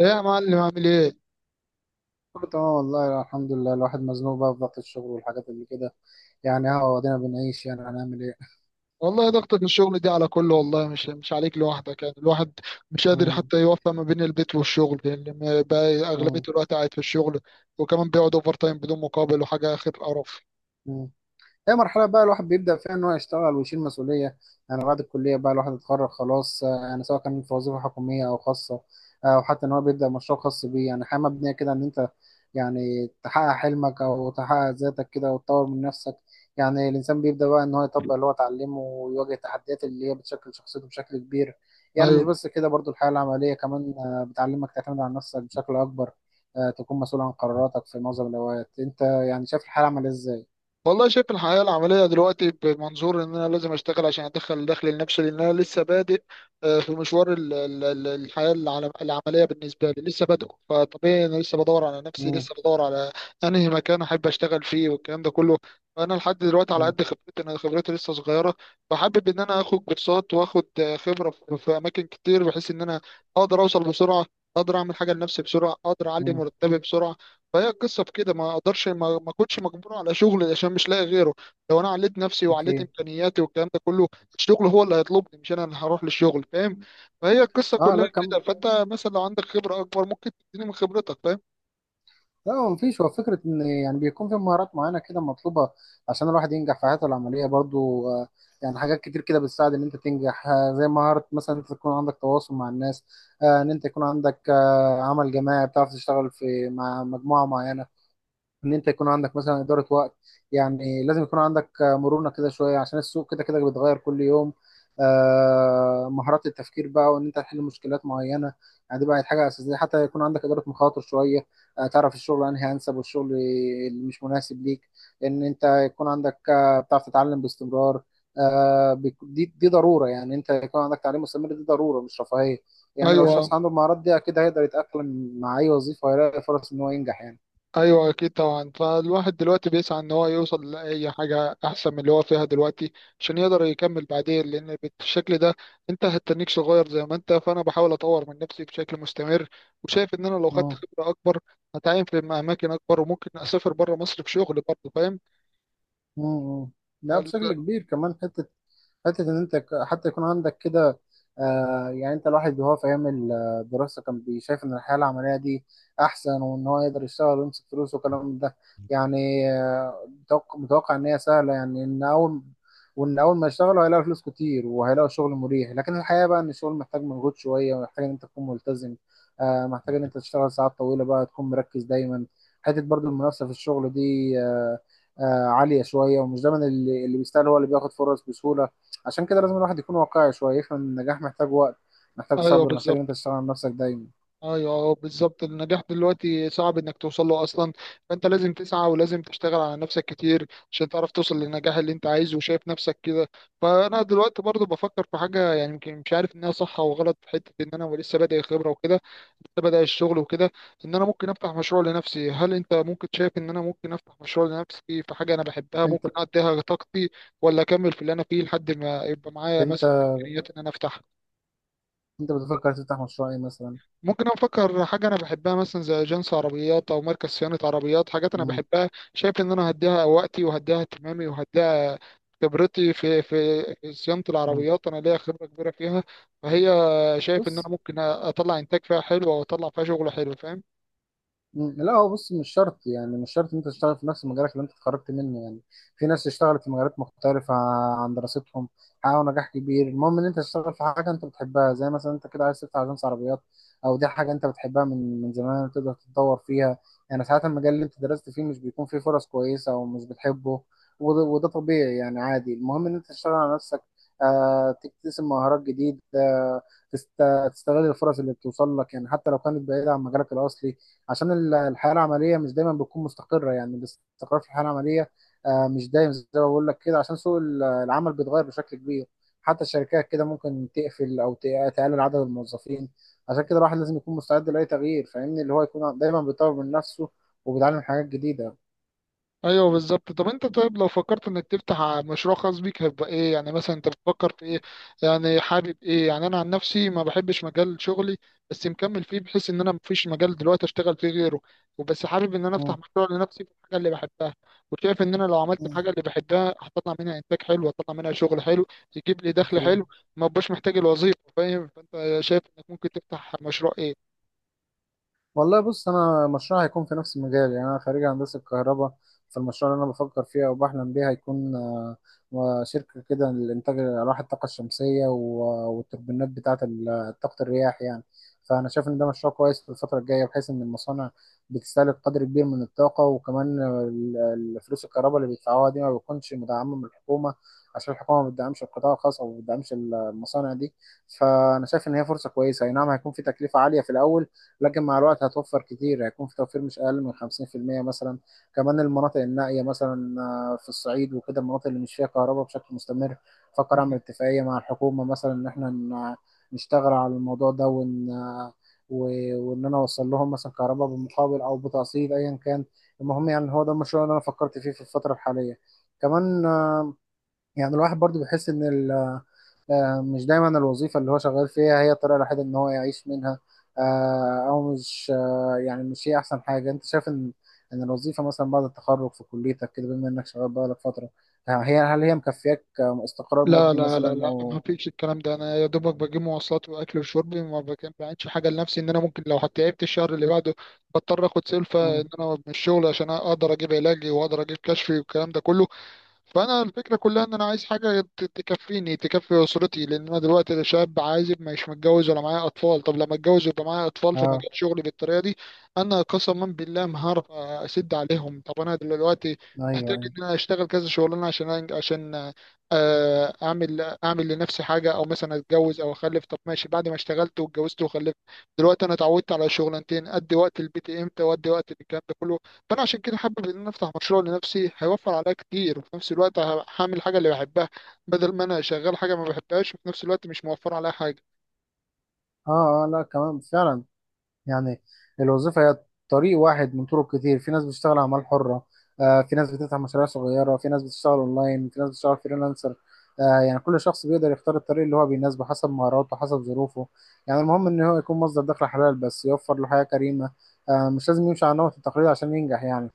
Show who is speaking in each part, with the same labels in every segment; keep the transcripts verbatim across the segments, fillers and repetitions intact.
Speaker 1: ايه يا معلم عامل ايه؟
Speaker 2: كله تمام والله الحمد لله. الواحد مزنوق بقى في ضغط الشغل والحاجات اللي كده. يعني اه ادينا بنعيش، يعني هنعمل ايه؟
Speaker 1: والله ضغطة الشغل دي على كله، والله مش مش عليك لوحدك. يعني الواحد مش قادر
Speaker 2: مم،
Speaker 1: حتى يوفق ما بين البيت والشغل، لان ما- بقى اغلبية
Speaker 2: مم،
Speaker 1: الوقت قاعد في الشغل، وكمان بيقعد اوفر تايم بدون مقابل وحاجة اخر قرف.
Speaker 2: مم. هي مرحلة بقى الواحد بيبدأ فيها إن هو يشتغل ويشيل مسؤولية. يعني بعد الكلية بقى الواحد اتخرج خلاص، آه، يعني سواء كان في وظيفة حكومية أو خاصة، آه، أو حتى إن هو بيبدأ مشروع خاص بيه. يعني حياة مبنية كده إن أنت يعني تحقق حلمك أو تحقق ذاتك كده وتطور من نفسك. يعني الإنسان بيبدأ بقى إن هو يطبق اللي هو اتعلمه ويواجه التحديات اللي هي بتشكل شخصيته بشكل كبير. يعني مش
Speaker 1: أيوه.
Speaker 2: بس كده، برضو الحياة العملية كمان، آه، بتعلمك تعتمد على نفسك بشكل أكبر. آه، تكون مسؤول عن قراراتك في معظم الأوقات. أنت يعني شايف الحياة العملية إزاي؟
Speaker 1: والله شايف الحياة العملية دلوقتي بمنظور إن أنا لازم أشتغل عشان أدخل دخل لنفسي، لأن أنا لسه بادئ آه، في مشوار ال- ال- ال- الحياة العل- العملية. بالنسبة لي لسه بادئ، فطبيعي أنا لسه بدور على نفسي،
Speaker 2: مم.
Speaker 1: لسه بدور على أنهي مكان أحب أشتغل فيه والكلام ده كله. فأنا لحد دلوقتي على
Speaker 2: مم.
Speaker 1: قد خبرتي، أنا خبرتي لسه صغيرة، فحابب إن أنا آخد كورسات وآخد آه، خبرة في في أماكن كتير، بحيث إن أنا أقدر أوصل بسرعة، أقدر أعمل حاجة لنفسي بسرعة، أقدر أعلي
Speaker 2: مم.
Speaker 1: مرتبي بسرعة. فهي القصه في كده، ما اقدرش ما, ما كنتش مجبور على شغل عشان مش لاقي غيره. لو انا عليت نفسي وعليت
Speaker 2: اكيد.
Speaker 1: امكانياتي والكلام ده كله، الشغل هو اللي هيطلبني، مش انا اللي هروح للشغل، فاهم؟ فهي القصه
Speaker 2: اه
Speaker 1: كلها
Speaker 2: لا كم.
Speaker 1: كده. فانت مثلا لو عندك خبره اكبر ممكن تديني من خبرتك، فاهم؟
Speaker 2: لا هو مفيش، هو فكره ان يعني بيكون في مهارات معينه كده مطلوبه عشان الواحد ينجح في حياته العمليه برضو. آه، يعني حاجات كتير كده بتساعد ان انت تنجح، آه، زي مهاره مثلا انت تكون عندك تواصل مع الناس، آه، ان انت يكون عندك آه عمل جماعي، بتعرف تشتغل في مع مجموعه معينه، ان انت يكون عندك مثلا اداره وقت. يعني لازم يكون عندك آه، مرونه كده شويه عشان السوق كده كده بيتغير كل يوم. آه، مهارات التفكير بقى، وان انت تحل مشكلات معينه. يعني دي بقت حاجه اساسيه، حتى يكون عندك اداره مخاطر شويه. آه، تعرف الشغل انهي انسب والشغل اللي مش مناسب ليك. ان انت يكون عندك آه، بتعرف تتعلم باستمرار. آه، بيك- دي دي ضروره، يعني انت يكون عندك تعليم مستمر، دي ضروره مش رفاهيه. يعني لو
Speaker 1: ايوه.
Speaker 2: الشخص عنده المهارات دي اكيد هيقدر يتاقلم مع اي وظيفه ويلاقي فرص ان هو ينجح يعني.
Speaker 1: ايوه اكيد طبعا. فالواحد دلوقتي بيسعى ان هو يوصل لاي حاجه احسن من اللي هو فيها دلوقتي، عشان يقدر يكمل بعدين، لان بالشكل ده انت هتتنيك صغير زي ما انت. فانا بحاول اطور من نفسي بشكل مستمر، وشايف ان انا لو خدت
Speaker 2: مم.
Speaker 1: خبره اكبر هتعين في اماكن اكبر، وممكن اسافر بره مصر في شغل برضه، فاهم؟
Speaker 2: مم. لا
Speaker 1: فال...
Speaker 2: بشكل كبير كمان حتة، حتة إن أنت ك- حتى يكون عندك كده. آه، يعني أنت الواحد وهو في أيام الدراسة كان بيشايف إن الحياة العملية دي أحسن، وإن هو يقدر يشتغل ويمسك فلوس والكلام من ده يعني. آه، متوقع متوقع إن هي سهلة، يعني إن أول وإن أول ما يشتغلوا هيلاقوا فلوس كتير وهيلاقوا شغل مريح. لكن الحقيقة بقى إن الشغل محتاج مجهود شوية ومحتاج إن أنت تكون ملتزم. آه، محتاج إن أنت تشتغل ساعات طويلة بقى، تكون مركز دايما. حتة برضو المنافسة في الشغل دي، آه، آه، عالية شوية، ومش دايما اللي اللي بيستاهل هو اللي بياخد فرص بسهولة. عشان كده لازم الواحد يكون واقعي شويه، يفهم ان النجاح محتاج وقت، محتاج
Speaker 1: ايوه
Speaker 2: صبر، محتاج ان انت
Speaker 1: بالظبط.
Speaker 2: تشتغل على نفسك دايما.
Speaker 1: ايوه أه، بالظبط. النجاح دلوقتي صعب انك توصل له اصلا، فانت لازم تسعى ولازم تشتغل على نفسك كتير عشان تعرف توصل للنجاح اللي انت عايزه وشايف نفسك كده. فانا دلوقتي برضو بفكر في حاجه، يعني يمكن مش عارف انها صح او غلط، في حته ان انا لسه بادئ خبره وكده، لسه بادئ الشغل وكده، ان انا ممكن افتح مشروع لنفسي. هل انت ممكن شايف ان انا ممكن افتح مشروع لنفسي في حاجه انا بحبها،
Speaker 2: انت
Speaker 1: ممكن اديها طاقتي، ولا اكمل في اللي انا فيه لحد ما يبقى معايا
Speaker 2: انت
Speaker 1: مثلا امكانيات ان انا افتح؟
Speaker 2: انت بتفكر تفتح مشروع ايه مثلا؟
Speaker 1: ممكن افكر حاجه انا بحبها مثلا زي اجنس عربيات او مركز صيانه عربيات، حاجات انا
Speaker 2: مم.
Speaker 1: بحبها، شايف ان انا هديها وقتي وهديها اهتمامي وهديها خبرتي في في في صيانه
Speaker 2: مم.
Speaker 1: العربيات، انا ليا خبره كبيره فيها. فهي، شايف ان انا
Speaker 2: بص،
Speaker 1: ممكن اطلع انتاج فيها حلو واطلع فيها شغل حلو، فاهم؟
Speaker 2: مم، لا هو بص مش شرط، يعني مش شرط ان انت تشتغل في نفس مجالك اللي انت اتخرجت منه يعني. في ناس اشتغلت في مجالات مختلفة عن دراستهم حققوا نجاح كبير. المهم ان انت تشتغل في حاجة انت بتحبها، زي مثلا انت كده عايز تفتح اجنس عربيات، او دي حاجة انت بتحبها من من زمان تقدر تتطور فيها. يعني ساعات المجال اللي انت درست فيه مش بيكون فيه فرص كويسة او مش بتحبه، وده, وده طبيعي يعني، عادي. المهم ان انت تشتغل على نفسك، آه، تكتسب مهارات جديدة، آه، تست- تستغل الفرص اللي بتوصل لك، يعني حتى لو كانت بعيدة عن مجالك الأصلي. عشان ال- الحياه العمليه مش دايما بتكون مستقره، يعني الاستقرار في الحياه العمليه، آه، مش دايم زي ما بقول لك كده، عشان سوق ال- العمل بيتغير بشكل كبير. حتى الشركات كده ممكن تقفل او ت- تقلل عدد الموظفين. عشان كده الواحد لازم يكون مستعد لاي تغيير فاهمني، اللي هو يكون دايما بيطور من نفسه وبيتعلم حاجات جديده.
Speaker 1: ايوه بالظبط. طب انت، طيب لو فكرت انك تفتح مشروع خاص بيك هيبقى ايه؟ يعني مثلا انت بتفكر في ايه؟ يعني حابب ايه؟ يعني انا عن نفسي ما بحبش مجال شغلي، بس مكمل فيه بحيث ان انا مفيش مجال دلوقتي اشتغل فيه غيره، وبس حابب ان انا
Speaker 2: مم.
Speaker 1: افتح مشروع لنفسي في الحاجه اللي بحبها. وشايف ان انا لو عملت
Speaker 2: مم.
Speaker 1: الحاجه اللي بحبها هطلع منها انتاج حلو، هطلع منها شغل حلو، يجيب لي دخل
Speaker 2: اكيد.
Speaker 1: حلو، ما بقاش محتاج الوظيفه، فاهم؟ فانت شايف انك ممكن تفتح مشروع ايه؟
Speaker 2: والله بص انا مشروع هيكون في نفس المجال، يعني انا خريج هندسه كهرباء. فالمشروع اللي انا بفكر فيه او بحلم بيه هيكون، آه، شركه كده لانتاج الواح الطاقه الشمسيه و- والتوربينات بتاعه ال- طاقه الرياح يعني. فانا شايف ان ده مشروع كويس في الفتره الجايه، بحيث ان المصانع بتستهلك قدر كبير من الطاقه. وكمان ال- ال- فلوس الكهرباء اللي بيدفعوها دي ما بتكونش مدعمه من الحكومه، عشان الحكومه ما بتدعمش القطاع الخاص او ما بتدعمش المصانع دي. فانا شايف ان هي فرصه كويسه. اي نعم هيكون في تكلفه عاليه في الاول، لكن مع الوقت هتوفر كتير، هيكون في توفير مش اقل من خمسين في المية مثلا. كمان المناطق النائيه مثلا، آه، في الصعيد وكده، المناطق اللي مش فيها كهرباء بشكل مستمر، فكر اعمل اتفاقيه مع الحكومه مثلا ان احنا ن- نشتغل على الموضوع ده، وان آه، و- وان انا اوصل لهم مثلا كهرباء بالمقابل او بتقسيط ايا كان. المهم يعني هو ده المشروع اللي انا فكرت فيه في الفتره الحاليه. كمان آه، يعني الواحد برضو بيحس ان ال- آه، مش دايما الوظيفة اللي هو شغال فيها هي الطريقة الوحيدة ان هو يعيش منها. آه، او مش آه، يعني مش هي احسن حاجة. انت شايف ان ان الوظيفة مثلا بعد التخرج في كليتك كده، بما انك شغال بقالك فترة، آه، هي هل هي مكفياك آه، استقرار
Speaker 1: لا
Speaker 2: مادي
Speaker 1: لا لا
Speaker 2: مثلا
Speaker 1: لا، ما
Speaker 2: او؟
Speaker 1: فيش الكلام ده. انا يا دوبك بجيب مواصلات واكل وشرب، ما بك- بعملش حاجه لنفسي، ان انا ممكن لو تعبت الشهر اللي بعده بضطر اخد سلفه
Speaker 2: مم.
Speaker 1: ان انا من الشغل عشان اقدر اجيب علاجي واقدر اجيب كشفي والكلام ده كله. فانا الفكره كلها ان انا عايز حاجه ت- تكفيني تكفي اسرتي، لان انا دلوقتي شاب عازب، مش متجوز ولا معايا اطفال. طب لما اتجوز ويبقى معايا اطفال في
Speaker 2: اه.
Speaker 1: مجال شغلي بالطريقه دي، انا قسما بالله ما هعرف اسد عليهم. طب انا دلوقتي
Speaker 2: ايوه
Speaker 1: محتاج
Speaker 2: ايوه.
Speaker 1: ان انا اشتغل كذا شغلانه عشان أن- عشان آه، اعمل اعمل لنفسي حاجه، او مثلا اتجوز او اخلف. طب ماشي، بعد ما اشتغلت واتجوزت وخلفت، دلوقتي انا اتعودت على شغلانتين، ادي وقت البيت امتى وادي وقت الكلام ده كله. فانا عشان كده حابب ان انا افتح مشروع لنفسي، هيوفر عليا كتير، وفي نفس الوقت ه- هعمل حاجه اللي بحبها، بدل ما انا شغال حاجه ما بحبهاش وفي نفس الوقت مش موفر عليا حاجه.
Speaker 2: اه اه لا كمان فعلا. يعني الوظيفة هي طريق واحد من طرق كتير. في ناس بتشتغل أعمال حرة، آه، في ناس بتفتح مشاريع صغيرة، في ناس بتشتغل أونلاين، في ناس بتشتغل فريلانسر. آه، يعني كل شخص بيقدر يختار الطريق اللي هو بيناسبه حسب مهاراته، حسب ظروفه. يعني المهم إن هو يكون مصدر دخل حلال بس يوفر له حياة كريمة. آه، مش لازم يمشي على نمط التقليد عشان ينجح يعني.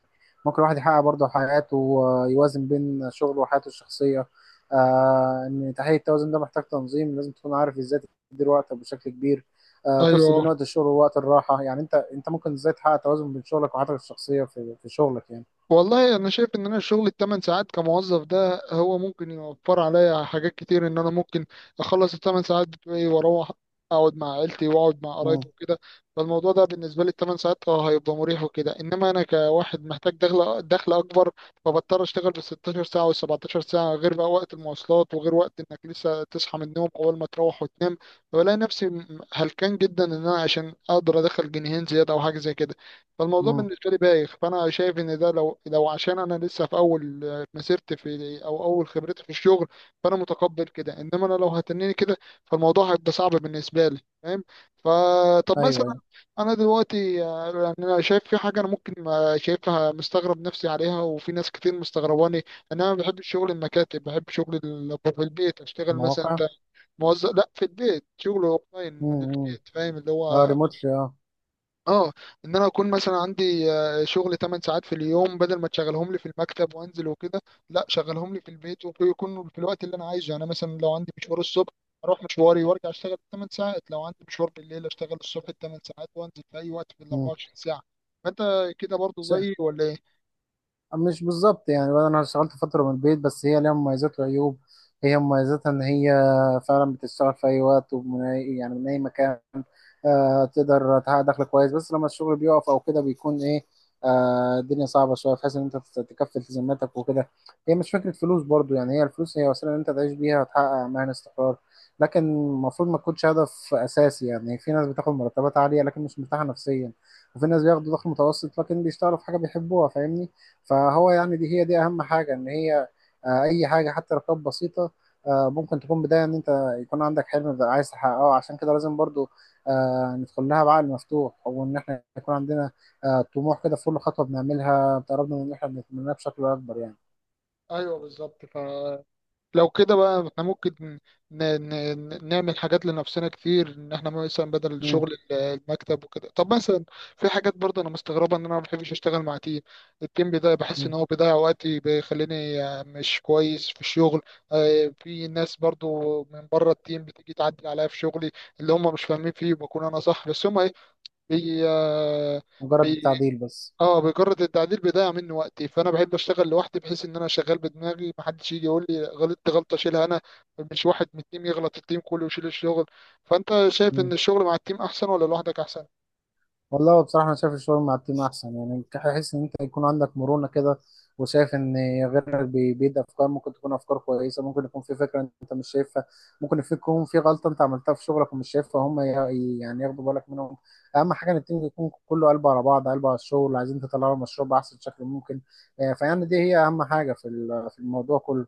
Speaker 2: ممكن الواحد يحقق برضه حياته ويوازن بين شغله وحياته الشخصية. آه، إن تحقيق التوازن ده محتاج تنظيم، لازم تكون عارف إزاي تدير وقتك بشكل كبير. آه، تفصل بين
Speaker 1: ايوه
Speaker 2: وقت الشغل ووقت الراحه. يعني انت انت ممكن ازاي تحقق توازن بين شغلك وحياتك الشخصيه في في شغلك يعني؟
Speaker 1: والله، انا شايف ان انا الشغل الثمان ساعات كموظف ده هو ممكن يوفر عليا حاجات كتير، ان انا ممكن اخلص الثمان ساعات بتوعي واروح اقعد مع عيلتي واقعد مع قرايبي
Speaker 2: امم
Speaker 1: وكده. فالموضوع ده بالنسبه لي الثمان ساعات اه هيبقى مريح وكده، انما انا كواحد محتاج دخل دخل اكبر، فبضطر اشتغل بال ستاشر ساعه وال سبعتاشر ساعه، غير بقى وقت المواصلات وغير وقت انك لسه تصحى من النوم اول ما تروح وتنام. فبلاقي نفسي هلكان جدا ان انا عشان اقدر ادخل جنيهين زياده او حاجه زي كده. فالموضوع
Speaker 2: امم
Speaker 1: بالنسبه لي بايخ. فانا شايف ان ده، لو لو عشان انا لسه في اول مسيرتي في، او اول خبرتي في الشغل، فانا متقبل كده، انما انا لو هتنيني كده فالموضوع هيبقى صعب بالنسبه لي، فاهم؟ فطب
Speaker 2: ايوه
Speaker 1: مثلا
Speaker 2: ايوه.
Speaker 1: انا دلوقتي آه، يعني انا شايف في حاجه انا ممكن، آه، شايفها مستغرب نفسي عليها وفي ناس كتير مستغرباني، ان انا ما بحبش شغل المكاتب، بحب شغل ال- في البيت اشتغل. مثلا
Speaker 2: المواقع.
Speaker 1: انت موظف؟ لا، في البيت، شغل اونلاين من
Speaker 2: امم امم
Speaker 1: البيت، فاهم؟ اللي
Speaker 2: اه
Speaker 1: هو
Speaker 2: ريموتلي اه.
Speaker 1: اه، ان انا اكون مثلا عندي آه، شغل تمن ساعات في اليوم، بدل ما تشغلهم لي في المكتب وانزل وكده، لا شغلهم لي في البيت ويكون في الوقت اللي انا عايزه. يعني مثلا لو عندي مشوار الصبح اروح مشواري وارجع اشتغل تمن ساعات، لو عندي مشوار بالليل اشتغل الصبح تمن ساعات وانزل، في اي وقت في ال
Speaker 2: مم.
Speaker 1: اربعة وعشرين ساعه. فانت كده برضو زيي ولا ايه؟
Speaker 2: مش بالظبط يعني بقى، انا اشتغلت فتره من البيت، بس هي ليها مميزات وعيوب. هي مميزاتها ان هي فعلا بتشتغل في اي وقت ومن اي يعني من اي مكان. آه، تقدر تحقق دخل كويس. بس لما الشغل بيقف او كده بيكون ايه، آه، الدنيا صعبه شويه بحيث ان انت تت- تكفي التزاماتك وكده. هي مش فكره فلوس برضو، يعني هي الفلوس هي وسيله ان انت تعيش بيها وتحقق اماكن استقرار، لكن المفروض ما تكونش هدف اساسي. يعني في ناس بتاخد مرتبات عاليه لكن مش مرتاحه نفسيا، وفي ناس بياخدوا دخل متوسط لكن بيشتغلوا في حاجه بيحبوها فاهمني. فهو يعني دي هي دي اهم حاجه ان هي، آه، اي حاجه حتى لو كانت بسيطه، آه، ممكن تكون بدايه ان انت يكون عندك حلم بقى عايز تحققه. عشان كده لازم برضو، آه، ندخل لها بعقل مفتوح، وان احنا يكون عندنا، آه، طموح كده في كل خطوه بنعملها بتقربنا من ان احنا بنتمناها بشكل اكبر يعني.
Speaker 1: ايوه بالظبط. ف، لو كده بقى احنا ممكن، ن... ن... ن- نعمل حاجات لنفسنا كتير، ان احنا مثلا بدل
Speaker 2: مم.
Speaker 1: الشغل ال- المكتب وكده. طب مثلا في حاجات برضه انا مستغربه، ان انا ما بحبش اشتغل مع تيم، التيم بيضيع، بحس ان
Speaker 2: مم.
Speaker 1: هو بيضيع وقتي، بيخليني آه، مش كويس في الشغل. آه، في ناس برضه من بره التيم بتيجي تعدل عليا في شغلي، اللي هم مش فاهمين فيه وبكون انا صح بس هم ايه، بي... آه،
Speaker 2: مجرد التعديل بس.
Speaker 1: اه بمجرد التعديل بيضيع مني وقتي. فانا بحب اشتغل لوحدي بحيث ان انا شغال بدماغي، محدش يجي يقول لي غلطت غلطه اشيلها انا، مش واحد من التيم يغلط التيم كله ويشيل الشغل. فانت شايف ان الشغل مع التيم احسن ولا لوحدك احسن؟
Speaker 2: والله هو بصراحة أنا شايف الشغل مع التيم أحسن، يعني تحس إن أنت يكون عندك مرونة كده، وشايف إن غيرك بي- بيدي أفكار ممكن تكون أفكار كويسة. ممكن يكون في فكرة أنت مش شايفها، ممكن في- يكون في غلطة أنت عملتها في شغلك ومش شايفها، هم ي- يعني ياخدوا بالك منهم. أهم حاجة إن التيم يكون كله قلبه على بعض، قلبه على الشغل، عايزين تطلعوا المشروع بأحسن شكل ممكن. آه، فيعني دي هي أهم حاجة في ال- في الموضوع كله.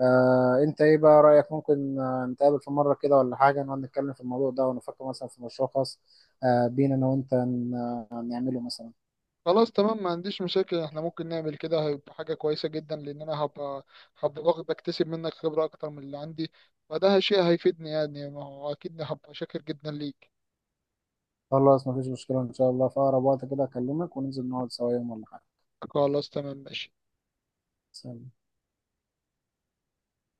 Speaker 2: آه، أنت إيه بقى رأيك، ممكن آه، نتقابل في مرة كده ولا حاجة، نقعد نتكلم في الموضوع ده ونفكر مثلا في مشروع خاص، آه، بينا انا وانت ن- نعمله مثلا.
Speaker 1: خلاص تمام، ما عنديش مشاكل، احنا ممكن نعمل كده، هيبقى حاجه كويسه جدا، لان انا هبقى، هبقى واخد- بكتسب منك خبره اكتر من اللي عندي، فده شيء هيفيدني. يعني ما هو اكيد هبقى شاكر جدا ليك.
Speaker 2: خلاص مفيش مشكلة، ان شاء الله في اقرب وقت كده اكلمك وننزل نقعد سوا يوم ولا حاجة.
Speaker 1: خلاص تمام ماشي.
Speaker 2: سلام.